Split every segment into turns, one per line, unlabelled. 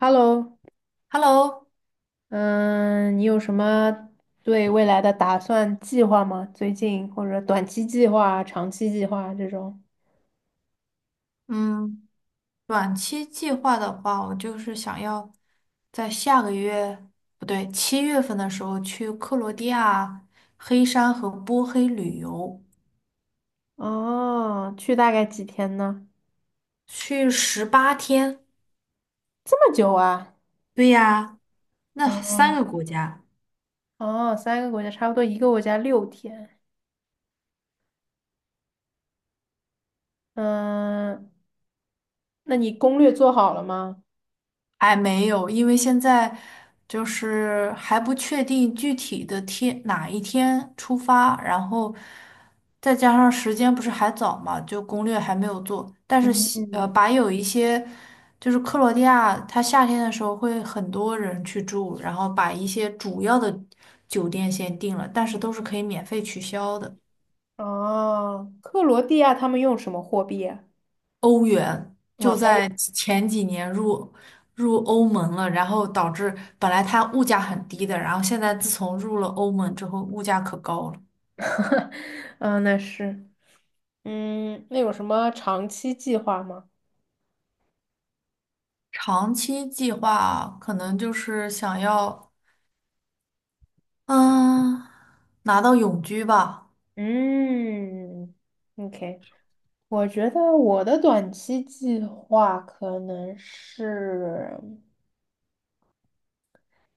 Hello.
Hello，
嗯，你有什么对未来的打算计划吗？最近或者短期计划、长期计划这种？
嗯，短期计划的话，我就是想要在下个月，不对，七月份的时候去克罗地亚黑山和波黑旅游，
哦，去大概几天呢？
去18天。
这么久啊？
对呀，那三
哦
个国家。
哦，三个国家，差不多一个国家六天。嗯，那你攻略做好了吗？
还没有，因为现在就是还不确定具体的哪一天出发，然后再加上时间不是还早嘛，就攻略还没有做。但是
嗯。
把有一些就是克罗地亚，它夏天的时候会很多人去住，然后把一些主要的酒店先定了，但是都是可以免费取消的。
哦，克罗地亚他们用什么货币啊？
欧元
哦，
就
欧。
在前几年入欧盟了，然后导致本来它物价很低的，然后现在自从入了欧盟之后，物价可高了。
嗯，那是。嗯，那有什么长期计划吗？
长期计划可能就是想要，嗯，拿到永居吧。
嗯，OK，我觉得我的短期计划可能是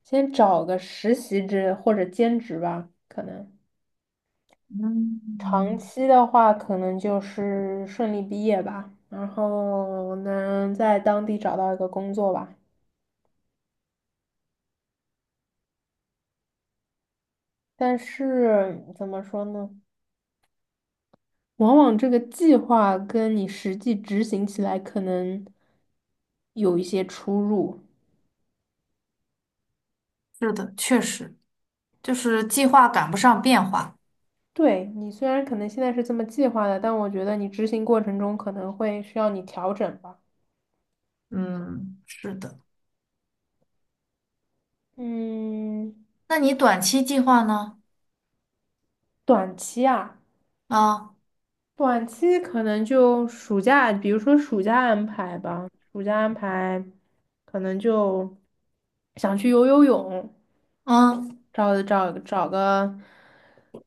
先找个实习制或者兼职吧，可能长
嗯，
期的话可能就是顺利毕业吧，然后能在当地找到一个工作吧。但是怎么说呢？往往这个计划跟你实际执行起来可能有一些出入。
是的，确实，就是计划赶不上变化。
对，你虽然可能现在是这么计划的，但我觉得你执行过程中可能会需要你调整吧。
嗯，是的。
嗯，
那你短期计划呢？
短期啊，
啊，
短期可能就暑假，比如说暑假安排吧，暑假安排可能就想去游游泳，
嗯
找个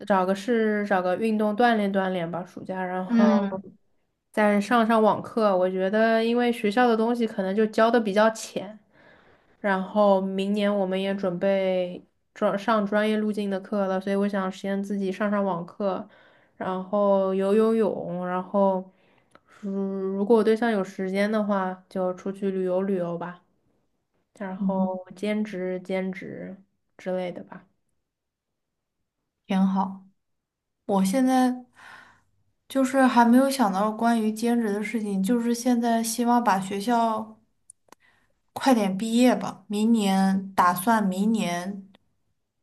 找个事，找个运动锻炼锻炼吧，暑假，然后
嗯
再上上网课。我觉得，因为学校的东西可能就教的比较浅，然后明年我们也准备专上专业路径的课了，所以我想先自己上上网课，然后游游泳，然后如果我对象有时间的话，就出去旅游旅游吧，然后
嗯，
兼职兼职之类的吧。
挺好。我现在就是还没有想到关于兼职的事情，就是现在希望把学校快点毕业吧，明年打算明年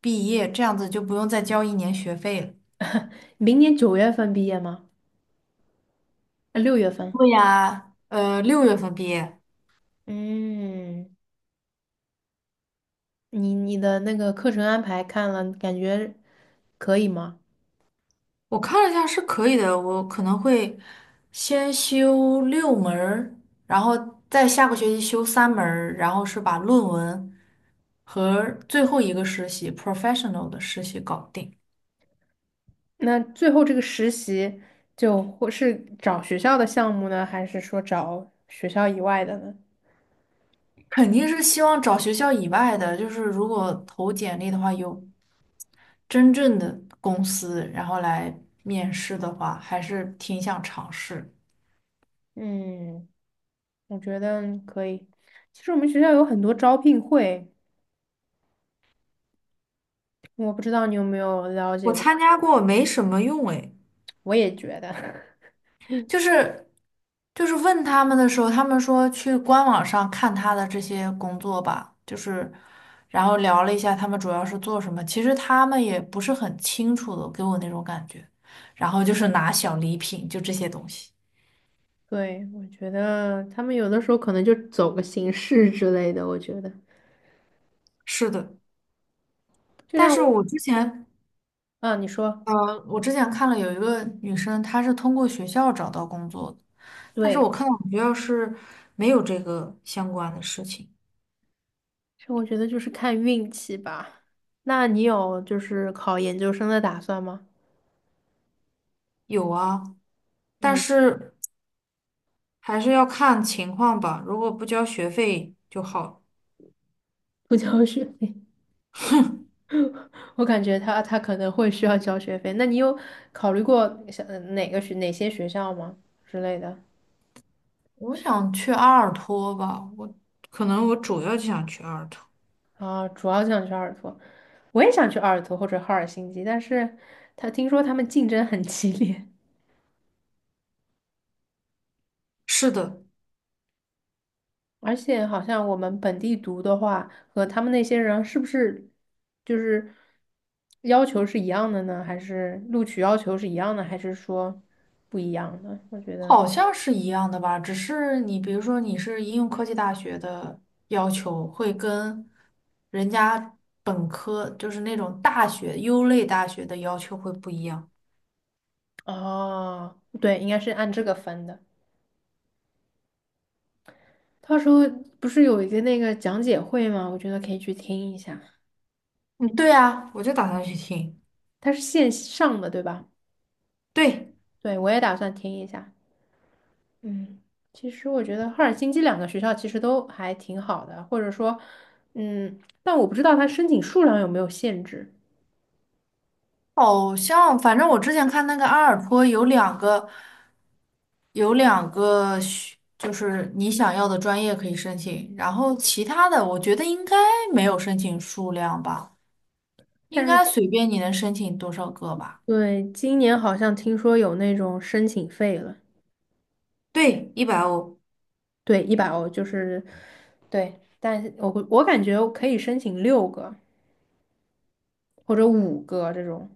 毕业，这样子就不用再交一年学费了。
明年九月份毕业吗？啊，六月份。
对呀，六月份毕业，
嗯，你的那个课程安排看了，感觉可以吗？
我看了一下是可以的，我可能会先修六门儿，然后再下个学期修三门儿，然后是把论文和最后一个实习 professional 的实习搞定。
那最后这个实习就或是找学校的项目呢，还是说找学校以外的呢？
肯定是希望找学校以外的，就是如果投简历的话，有真正的公司，然后来面试的话，还是挺想尝试。
嗯，我觉得可以。其实我们学校有很多招聘会，我不知道你有没有了
我
解过。
参加过，没什么用诶。
我也觉得。
就是就是问他们的时候，他们说去官网上看他的这些工作吧，就是然后聊了一下他们主要是做什么，其实他们也不是很清楚的，给我那种感觉。然后就是拿小礼品，就这些东西。
对，我觉得他们有的时候可能就走个形式之类的。我觉得，
是的，
就
但
像
是
我，
我之前
啊，你说。
呃，我之前看了有一个女生，她是通过学校找到工作的，但是我
对，
看到我们学校是没有这个相关的事情。
所以我觉得就是看运气吧。那你有就是考研究生的打算吗？
有啊，但
嗯。
是还是要看情况吧，如果不交学费就好。
不交学费。我感觉他可能会需要交学费。那你有考虑过想哪个学哪些学校吗之类的？
我想去阿尔托吧，我可能我主要就想去阿尔托。
啊，主要想去阿尔托，我也想去阿尔托或者赫尔辛基，但是他听说他们竞争很激烈。
是的。
而且好像我们本地读的话，和他们那些人是不是就是要求是一样的呢？还是录取要求是一样的？还是说不一样的？我觉得，
好像是一样的吧，只是你比如说你是应用科技大学的要求，会跟人家本科就是那种大学优类大学的要求会不一样。
哦，对，应该是按这个分的。到时候不是有一个那个讲解会吗？我觉得可以去听一下，
嗯，对啊，我就打算去听。
它是线上的，对吧？
对，
对，我也打算听一下。嗯，其实我觉得赫尔辛基两个学校其实都还挺好的，或者说，嗯，但我不知道它申请数量有没有限制。
好像反正我之前看那个阿尔托有两个学，就是你想要的专业可以申请，然后其他的我觉得应该没有申请数量吧，应
但是，
该随便你能申请多少个吧。
对，今年好像听说有那种申请费了。
对，100欧。
对，一百欧就是。对，但是我感觉我可以申请六个或者五个这种，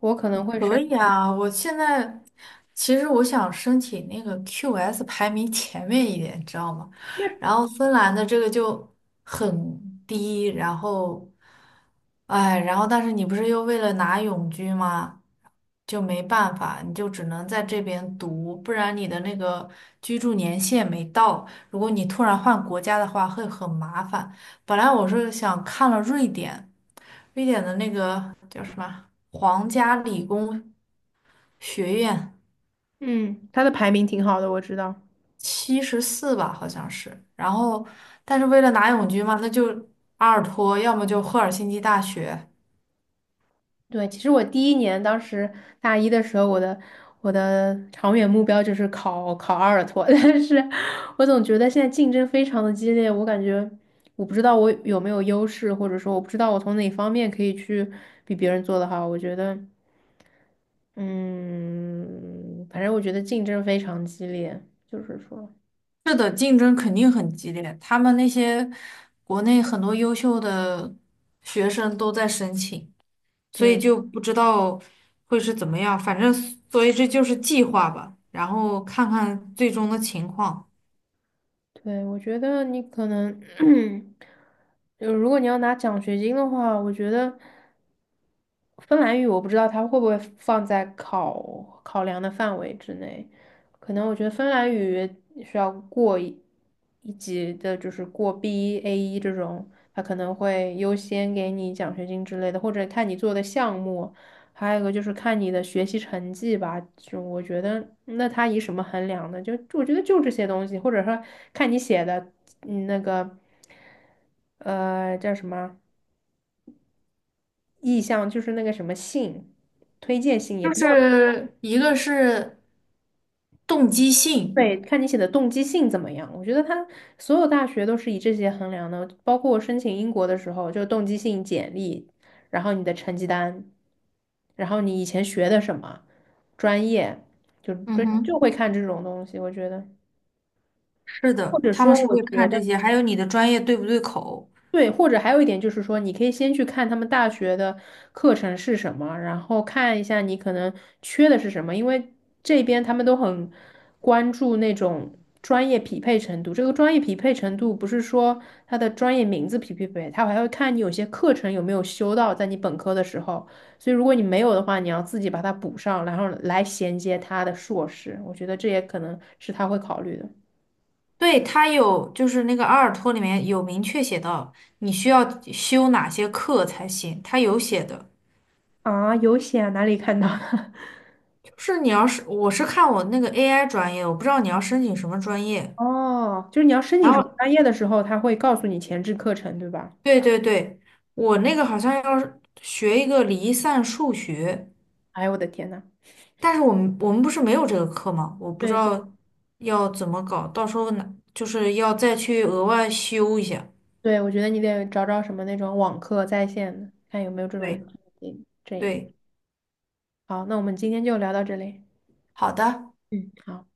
我可能会
可
申。
以啊，我现在其实我想申请那个 QS 排名前面一点，你知道吗？然后芬兰的这个就很低，然后，哎，然后但是你不是又为了拿永居吗？就没办法，你就只能在这边读，不然你的那个居住年限没到，如果你突然换国家的话，会很麻烦。本来我是想看了瑞典。瑞典的那个叫什么皇家理工学院，
嗯，他的排名挺好的，我知道。
74吧，好像是。然后，但是为了拿永居嘛，那就阿尔托，要么就赫尔辛基大学。
对，其实我第一年当时大一的时候，我的长远目标就是考考阿尔托。但是我总觉得现在竞争非常的激烈，我感觉我不知道我有没有优势，或者说我不知道我从哪方面可以去比别人做得好。我觉得，嗯，反正我觉得竞争非常激烈，就是说，
是的，竞争肯定很激烈。他们那些国内很多优秀的学生都在申请，所以
对。
就不知道会是怎么样。反正，所以这就是计划吧，然后看看最终的情况。
对，我觉得你可能，就如果你要拿奖学金的话，我觉得芬兰语我不知道它会不会放在考考量的范围之内，可能我觉得芬兰语需要过一级的，就是过 B1、a 一这种，它可能会优先给你奖学金之类的，或者看你做的项目，还有一个就是看你的学习成绩吧，就我觉得那他以什么衡量呢？就我觉得就这些东西，或者说看你写的那个叫什么啊意向，就是那个什么信，推荐信也
就
不
是一个是动机性，
对，看你写的动机性怎么样。我觉得他所有大学都是以这些衡量的，包括我申请英国的时候，就动机性简历，然后你的成绩单，然后你以前学的什么专业，就
嗯
就就
哼，
会看这种东西。我觉得，
是
或
的，
者
他们
说，
是
我
会
觉
看
得。
这些，还有你的专业对不对口。
对，或者还有一点就是说，你可以先去看他们大学的课程是什么，然后看一下你可能缺的是什么，因为这边他们都很关注那种专业匹配程度。这个专业匹配程度不是说他的专业名字匹不匹配，他还会看你有些课程有没有修到，在你本科的时候。所以如果你没有的话，你要自己把它补上，然后来衔接他的硕士。我觉得这也可能是他会考虑的。
对，他有，就是那个阿尔托里面有明确写到你需要修哪些课才行，他有写的。
啊，有写啊哪里看到的？
就是你要是我是看我那个 AI 专业，我不知道你要申请什么专业。
哦，就是你要申请
然
什么
后，
专业的时候，他会告诉你前置课程，对吧？
对对对，我那个好像要是学一个离散数学。
哎呦，我的天呐！
但是我们不是没有这个课吗？我不知
对，所以
道要怎么搞，到时候呢，就是要再去额外修一下。
对，我觉得你得找找什么那种网课在线的，看有没有这种。
对
这这，
对，
好，那我们今天就聊到这里。
好的。
嗯，好。